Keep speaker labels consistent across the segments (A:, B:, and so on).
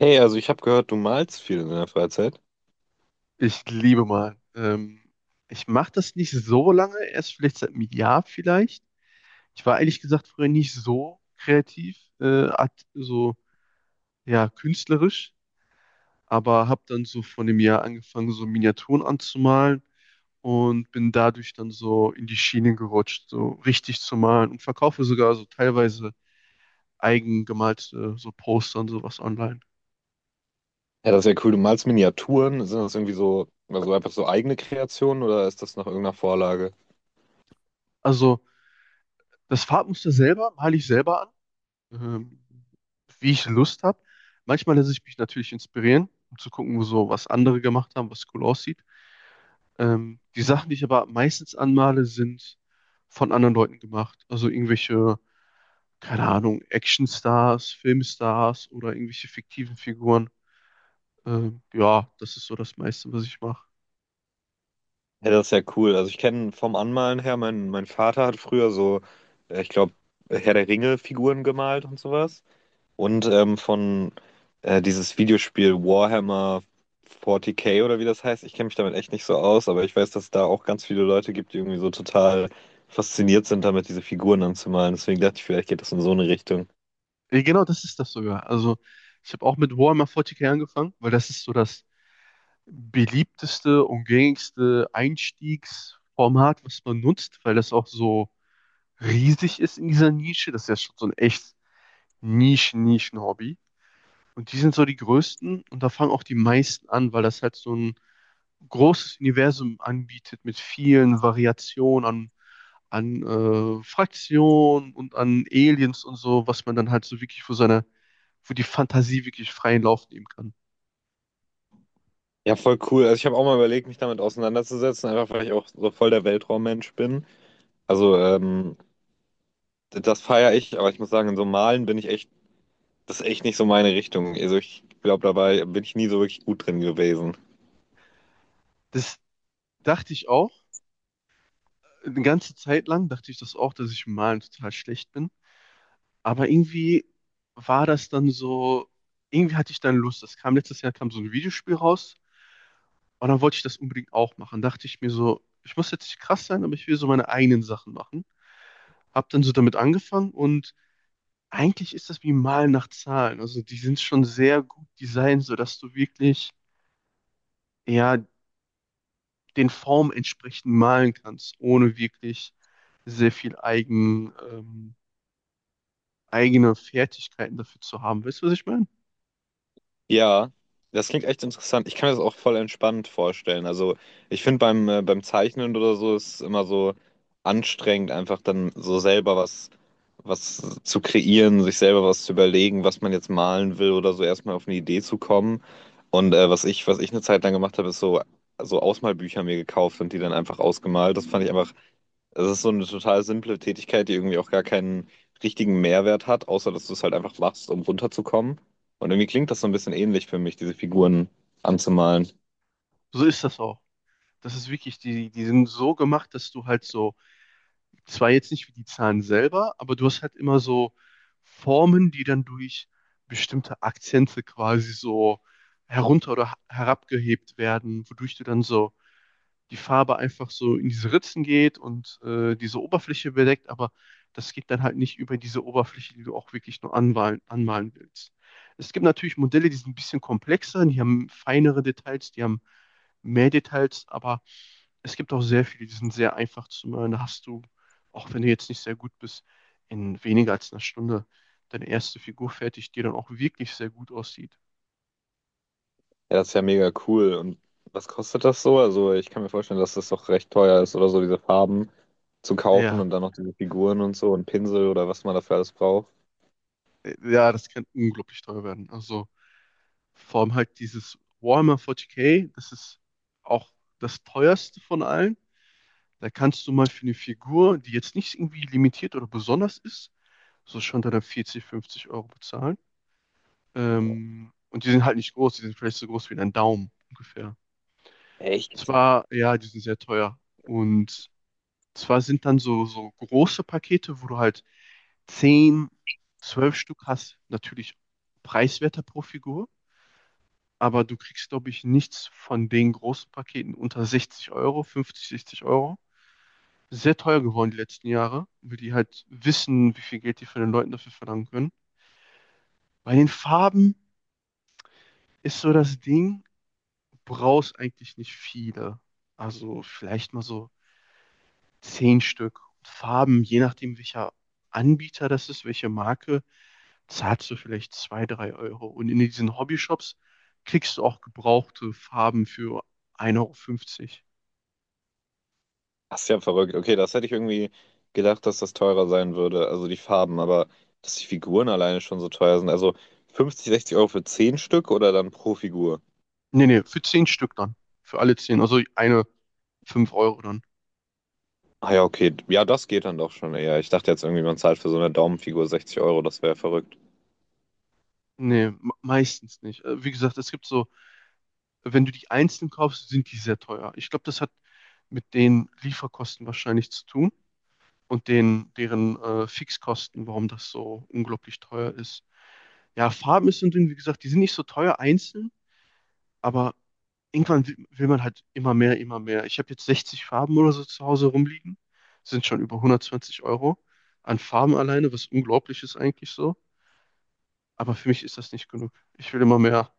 A: Hey, also ich habe gehört, du malst viel in deiner Freizeit.
B: Ich liebe mal. Ich mache das nicht so lange, erst vielleicht seit einem Jahr vielleicht. Ich war ehrlich gesagt früher nicht so kreativ, so ja, künstlerisch, aber habe dann so von dem Jahr angefangen, so Miniaturen anzumalen und bin dadurch dann so in die Schiene gerutscht, so richtig zu malen und verkaufe sogar so teilweise eigen gemalte so Poster und sowas online.
A: Ja, das ist ja cool. Du malst Miniaturen. Sind das irgendwie so, also einfach so eigene Kreationen oder ist das nach irgendeiner Vorlage?
B: Also das Farbmuster selber male ich selber, ähm, wie ich Lust habe. Manchmal lasse ich mich natürlich inspirieren, um zu gucken, wo so was andere gemacht haben, was cool aussieht. Die Sachen, die ich aber meistens anmale, sind von anderen Leuten gemacht. Also irgendwelche, keine Ahnung, Actionstars, Filmstars oder irgendwelche fiktiven Figuren. Ja, das ist so das meiste, was ich mache.
A: Ja, das ist ja cool. Also ich kenne vom Anmalen her, mein Vater hat früher so, ich glaube, Herr der Ringe-Figuren gemalt und sowas. Und von dieses Videospiel Warhammer 40k oder wie das heißt. Ich kenne mich damit echt nicht so aus, aber ich weiß, dass es da auch ganz viele Leute gibt, die irgendwie so total fasziniert sind, damit diese Figuren anzumalen. Deswegen dachte ich, vielleicht geht das in so eine Richtung.
B: Genau, das ist das sogar. Also ich habe auch mit Warhammer 40K angefangen, weil das ist so das beliebteste und gängigste Einstiegsformat, was man nutzt, weil das auch so riesig ist in dieser Nische. Das ist ja schon so ein echt Nischen-Nischen-Hobby. Und die sind so die größten und da fangen auch die meisten an, weil das halt so ein großes Universum anbietet mit vielen Variationen an Fraktionen und an Aliens und so, was man dann halt so wirklich für seine, für die Fantasie wirklich freien Lauf nehmen kann.
A: Ja, voll cool. Also ich habe auch mal überlegt, mich damit auseinanderzusetzen, einfach weil ich auch so voll der Weltraummensch bin. Also das feiere ich, aber ich muss sagen, in so Malen bin ich echt, das ist echt nicht so meine Richtung. Also ich glaube, dabei bin ich nie so wirklich gut drin gewesen.
B: Das dachte ich auch Eine ganze Zeit lang dachte ich das auch, dass ich im Malen total schlecht bin. Aber irgendwie war das dann so, irgendwie hatte ich dann Lust. Das kam letztes Jahr, kam so ein Videospiel raus und dann wollte ich das unbedingt auch machen. Dachte ich mir so, ich muss jetzt nicht krass sein, aber ich will so meine eigenen Sachen machen. Hab dann so damit angefangen und eigentlich ist das wie Malen nach Zahlen. Also die sind schon sehr gut designt, sodass du wirklich, ja, den Formen entsprechend malen kannst, ohne wirklich sehr viel eigene Fertigkeiten dafür zu haben. Weißt du, was ich meine?
A: Ja, das klingt echt interessant. Ich kann mir das auch voll entspannt vorstellen. Also ich finde beim Zeichnen oder so ist es immer so anstrengend, einfach dann so selber was, was zu kreieren, sich selber was zu überlegen, was man jetzt malen will oder so erstmal auf eine Idee zu kommen. Und was ich eine Zeit lang gemacht habe, ist so, so Ausmalbücher mir gekauft und die dann einfach ausgemalt. Das fand ich einfach es ist so eine total simple Tätigkeit, die irgendwie auch gar keinen richtigen Mehrwert hat, außer dass du es halt einfach machst, um runterzukommen. Und irgendwie klingt das so ein bisschen ähnlich für mich, diese Figuren anzumalen.
B: So ist das auch. Das ist wirklich, die sind so gemacht, dass du halt so, zwar jetzt nicht wie die Zahlen selber, aber du hast halt immer so Formen, die dann durch bestimmte Akzente quasi so herabgehebt werden, wodurch du dann so die Farbe einfach so in diese Ritzen geht und diese Oberfläche bedeckt, aber das geht dann halt nicht über diese Oberfläche, die du auch wirklich nur anmalen willst. Es gibt natürlich Modelle, die sind ein bisschen komplexer, die haben feinere Details, die haben mehr Details, aber es gibt auch sehr viele, die sind sehr einfach zu malen. Da hast du, auch wenn du jetzt nicht sehr gut bist, in weniger als einer Stunde deine erste Figur fertig, die dann auch wirklich sehr gut aussieht.
A: Ja, das ist ja mega cool. Und was kostet das so? Also ich kann mir vorstellen, dass das doch recht teuer ist oder so, diese Farben zu kaufen
B: Ja,
A: und dann noch diese Figuren und so und Pinsel oder was man dafür alles braucht.
B: ja, das kann unglaublich teuer werden. Also vor allem halt dieses Warhammer 40K, das ist auch das teuerste von allen. Da kannst du mal für eine Figur, die jetzt nicht irgendwie limitiert oder besonders ist, so schon dann 40, 50 Euro bezahlen. Und die sind halt nicht groß, die sind vielleicht so groß wie ein Daumen ungefähr. Zwar, ja, die sind sehr teuer. Und zwar sind dann so, so große Pakete, wo du halt 10, 12 Stück hast, natürlich preiswerter pro Figur. Aber du kriegst, glaube ich, nichts von den großen Paketen unter 60 Euro, 50, 60 Euro. Sehr teuer geworden die letzten Jahre, weil die halt wissen, wie viel Geld die von den Leuten dafür verlangen können. Bei den Farben ist so das Ding, du brauchst eigentlich nicht viele. Also vielleicht mal so 10 Stück. Farben, je nachdem, welcher Anbieter das ist, welche Marke, zahlst du vielleicht 2, 3 Euro. Und in diesen Hobbyshops kriegst du auch gebrauchte Farben für ein Euro fünfzig.
A: Das ist ja verrückt. Okay, das hätte ich irgendwie gedacht, dass das teurer sein würde. Also die Farben, aber dass die Figuren alleine schon so teuer sind. Also 50, 60 Euro für 10 Stück oder dann pro Figur?
B: Nee, nee, für 10 Stück dann. Für alle zehn. Also eine fünf Euro dann.
A: Ah ja, okay. Ja, das geht dann doch schon eher. Ich dachte jetzt irgendwie, man zahlt für so eine Daumenfigur 60 Euro. Das wäre verrückt.
B: Nee, meistens nicht. Wie gesagt, es gibt so, wenn du die einzeln kaufst, sind die sehr teuer. Ich glaube, das hat mit den Lieferkosten wahrscheinlich zu tun und den, deren Fixkosten, warum das so unglaublich teuer ist. Ja, Farben sind, wie gesagt, die sind nicht so teuer einzeln, aber irgendwann will man halt immer mehr, immer mehr. Ich habe jetzt 60 Farben oder so zu Hause rumliegen. Sind schon über 120 Euro an Farben alleine, was unglaublich ist eigentlich so. Aber für mich ist das nicht genug. Ich will immer mehr.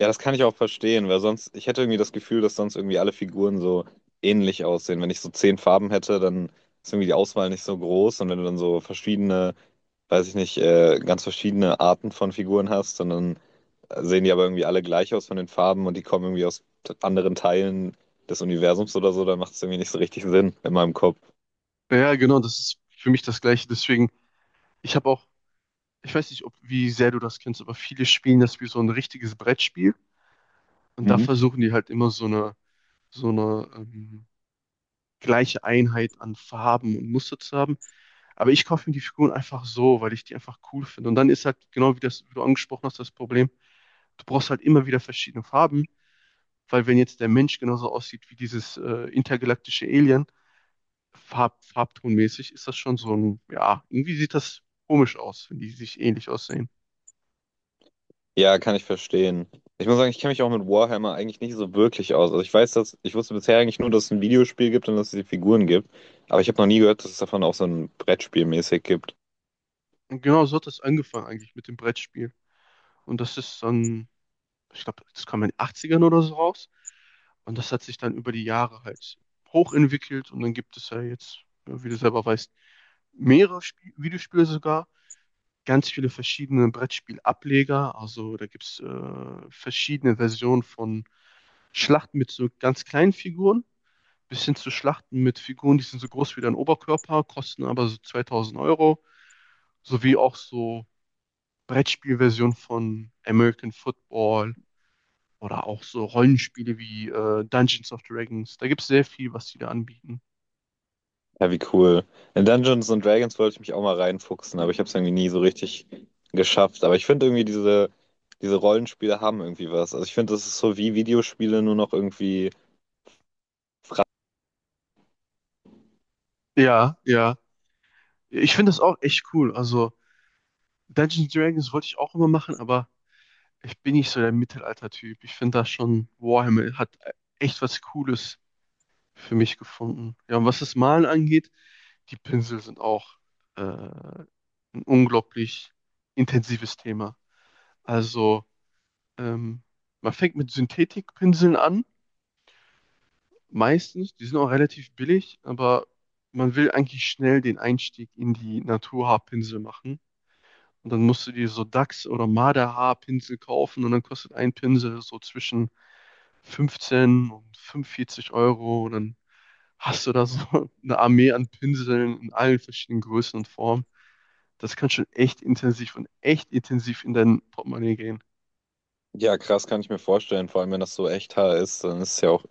A: Ja, das kann ich auch verstehen, weil sonst, ich hätte irgendwie das Gefühl, dass sonst irgendwie alle Figuren so ähnlich aussehen. Wenn ich so 10 Farben hätte, dann ist irgendwie die Auswahl nicht so groß. Und wenn du dann so verschiedene weiß ich nicht, ganz verschiedene Arten von Figuren hast, sondern sehen die aber irgendwie alle gleich aus von den Farben und die kommen irgendwie aus anderen Teilen des Universums oder so, dann macht es irgendwie nicht so richtig Sinn in meinem Kopf.
B: Ja, genau, das ist für mich das Gleiche. Deswegen, ich habe auch, ich weiß nicht, ob, wie sehr du das kennst, aber viele spielen das wie so ein richtiges Brettspiel. Und da
A: Mhm.
B: versuchen die halt immer so eine gleiche Einheit an Farben und Muster zu haben. Aber ich kaufe mir die Figuren einfach so, weil ich die einfach cool finde. Und dann ist halt genau wie das, wie du angesprochen hast, das Problem, du brauchst halt immer wieder verschiedene Farben, weil wenn jetzt der Mensch genauso aussieht wie dieses intergalaktische Alien, farbtonmäßig, ist das schon so ein, ja, irgendwie sieht das komisch aus, wenn die sich ähnlich aussehen.
A: Ja, kann ich verstehen. Ich muss sagen, ich kenne mich auch mit Warhammer eigentlich nicht so wirklich aus. Also ich weiß, dass ich wusste bisher eigentlich nur, dass es ein Videospiel gibt und dass es die Figuren gibt, aber ich habe noch nie gehört, dass es davon auch so ein Brettspiel mäßig gibt.
B: Und genau so hat das angefangen eigentlich mit dem Brettspiel. Und das ist dann, ich glaube, das kam in den Achtzigern oder so raus. Und das hat sich dann über die Jahre halt hochentwickelt und dann gibt es ja jetzt, ja, wie du selber weißt, mehrere Spie Videospiele sogar, ganz viele verschiedene Brettspielableger. Also da gibt es verschiedene Versionen von Schlachten mit so ganz kleinen Figuren bis hin zu Schlachten mit Figuren, die sind so groß wie dein Oberkörper, kosten aber so 2000 Euro, sowie auch so Brettspielversionen von American Football oder auch so Rollenspiele wie Dungeons of Dragons. Da gibt es sehr viel, was die da anbieten.
A: Ja, wie cool. In Dungeons and Dragons wollte ich mich auch mal reinfuchsen, aber ich habe es irgendwie nie so richtig geschafft. Aber ich finde irgendwie diese Rollenspiele haben irgendwie was. Also ich finde, das ist so wie Videospiele, nur noch irgendwie,
B: Ja, ja. Ich finde das auch echt cool. Also Dungeons and Dragons wollte ich auch immer machen, aber ich bin nicht so der Mittelalter-Typ. Ich finde das schon, Warhammer hat echt was Cooles für mich gefunden. Ja, und was das Malen angeht, die Pinsel sind auch ein unglaublich intensives Thema. Also ähm, man fängt mit Synthetikpinseln an, meistens, die sind auch relativ billig, aber man will eigentlich schnell den Einstieg in die Naturhaarpinsel machen. Und dann musst du dir so Dachs- oder Marderhaarpinsel kaufen und dann kostet ein Pinsel so zwischen 15 und 45 Euro. Und dann hast du da so eine Armee an Pinseln in allen verschiedenen Größen und Formen. Das kann schon echt intensiv und echt intensiv in dein Portemonnaie gehen.
A: ja, krass kann ich mir vorstellen. Vor allem, wenn das so echt ist, dann ist es ja auch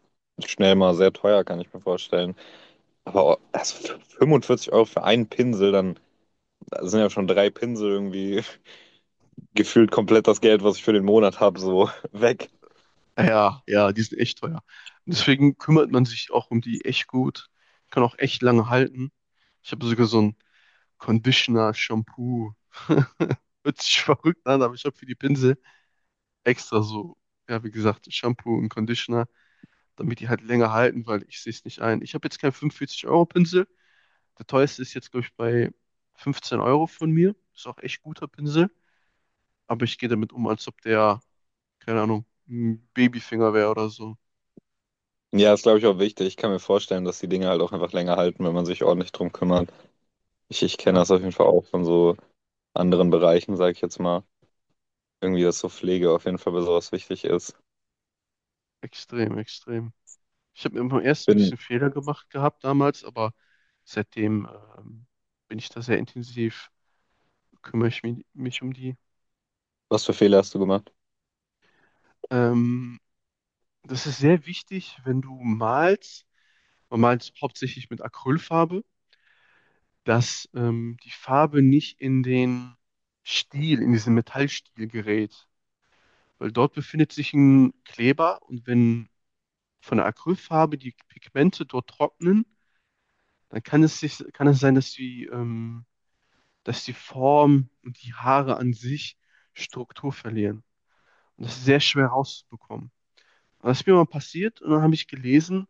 A: schnell mal sehr teuer, kann ich mir vorstellen. Aber 45 Euro für einen Pinsel, dann sind ja schon drei Pinsel irgendwie gefühlt komplett das Geld, was ich für den Monat habe, so weg.
B: Ja, ja, die sind echt teuer. Und deswegen kümmert man sich auch um die echt gut. Kann auch echt lange halten. Ich habe sogar so ein Conditioner, Shampoo. Hört sich verrückt an, aber ich habe für die Pinsel extra so, ja, wie gesagt, Shampoo und Conditioner, damit die halt länger halten, weil ich sehe es nicht ein. Ich habe jetzt keinen 45-Euro-Pinsel. Der teuerste ist jetzt, glaube ich, bei 15 Euro von mir. Ist auch echt guter Pinsel. Aber ich gehe damit um, als ob der, keine Ahnung, ein Babyfinger wäre oder so.
A: Ja, ist, glaube ich, auch wichtig. Ich kann mir vorstellen, dass die Dinge halt auch einfach länger halten, wenn man sich ordentlich drum kümmert. Ich kenne
B: Ja.
A: das auf jeden Fall auch von so anderen Bereichen, sage ich jetzt mal. Irgendwie, dass so Pflege auf jeden Fall bei sowas wichtig ist.
B: Extrem, extrem. Ich habe immer
A: Ich
B: erst ein
A: bin,
B: bisschen Fehler gemacht gehabt damals, aber seitdem ähm, bin ich da sehr intensiv, kümmere ich mich um die.
A: was für Fehler hast du gemacht?
B: Ähm, das ist sehr wichtig, wenn du malst, man malt hauptsächlich mit Acrylfarbe, dass die Farbe nicht in den Stiel, in diesen Metallstiel gerät, weil dort befindet sich ein Kleber und wenn von der Acrylfarbe die Pigmente dort trocknen, dann kann es sich, kann es sein, dass die Form und die Haare an sich Struktur verlieren. Und das ist sehr schwer rauszubekommen. Und das ist mir mal passiert und dann habe ich gelesen,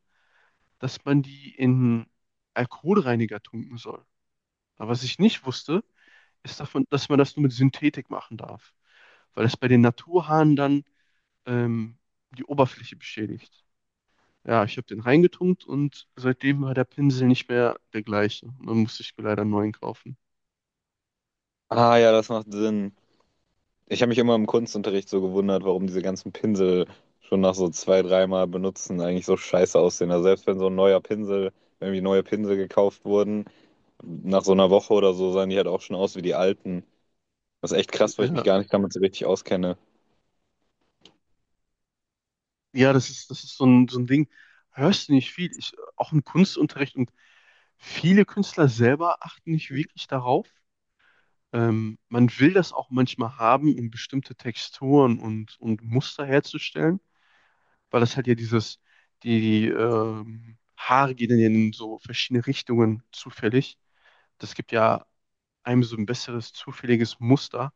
B: dass man die in Alkoholreiniger tunken soll. Aber was ich nicht wusste, ist davon, dass man das nur mit Synthetik machen darf, weil das bei den Naturhaaren dann ähm, die Oberfläche beschädigt. Ja, ich habe den reingetunkt und seitdem war der Pinsel nicht mehr der gleiche. Und dann musste ich mir leider einen neuen kaufen.
A: Ah ja, das macht Sinn. Ich habe mich immer im Kunstunterricht so gewundert, warum diese ganzen Pinsel schon nach so zwei, dreimal benutzen eigentlich so scheiße aussehen. Also selbst wenn so ein neuer Pinsel, wenn irgendwie neue Pinsel gekauft wurden, nach so einer Woche oder so sahen die halt auch schon aus wie die alten. Das ist echt krass, weil ich mich
B: Ja,
A: gar nicht damit so richtig auskenne.
B: ja, das ist so ein Ding. Hörst du nicht viel? Ich, auch im Kunstunterricht und viele Künstler selber achten nicht wirklich darauf. Man will das auch manchmal haben, um bestimmte Texturen und Muster herzustellen, weil das halt ja dieses, die, die Haare gehen dann ja in so verschiedene Richtungen zufällig. Das gibt ja einem so ein besseres, zufälliges Muster.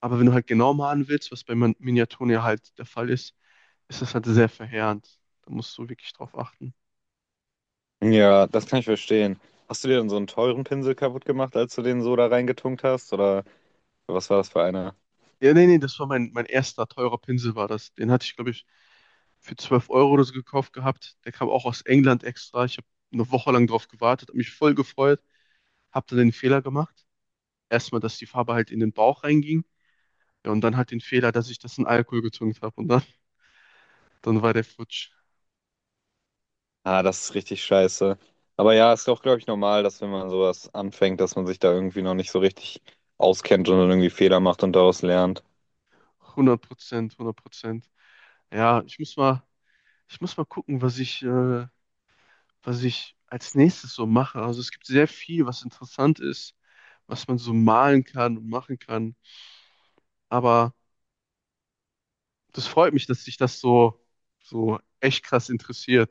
B: Aber wenn du halt genau malen willst, was bei Miniaturen ja halt der Fall ist, ist das halt sehr verheerend. Da musst du wirklich drauf achten.
A: Ja, das kann ich verstehen. Hast du dir denn so einen teuren Pinsel kaputt gemacht, als du den so da reingetunkt hast? Oder was war das für einer?
B: Ja, nee, nee, das war mein erster teurer Pinsel war das. Den hatte ich, glaube ich, für 12 Euro oder so gekauft gehabt. Der kam auch aus England extra. Ich habe eine Woche lang drauf gewartet, habe mich voll gefreut, habe dann den Fehler gemacht. Erstmal, dass die Farbe halt in den Bauch reinging. Ja, und dann halt den Fehler, dass ich das in Alkohol getunkt habe. Und dann, dann war der futsch.
A: Ah, das ist richtig scheiße. Aber ja, ist doch, glaube ich, normal, dass wenn man sowas anfängt, dass man sich da irgendwie noch nicht so richtig auskennt und dann irgendwie Fehler macht und daraus lernt.
B: 100%, 100%. Ja, ich muss mal gucken, was ich als nächstes so mache. Also es gibt sehr viel, was interessant ist, was man so malen kann und machen kann. Aber das freut mich, dass dich das so, so echt krass interessiert.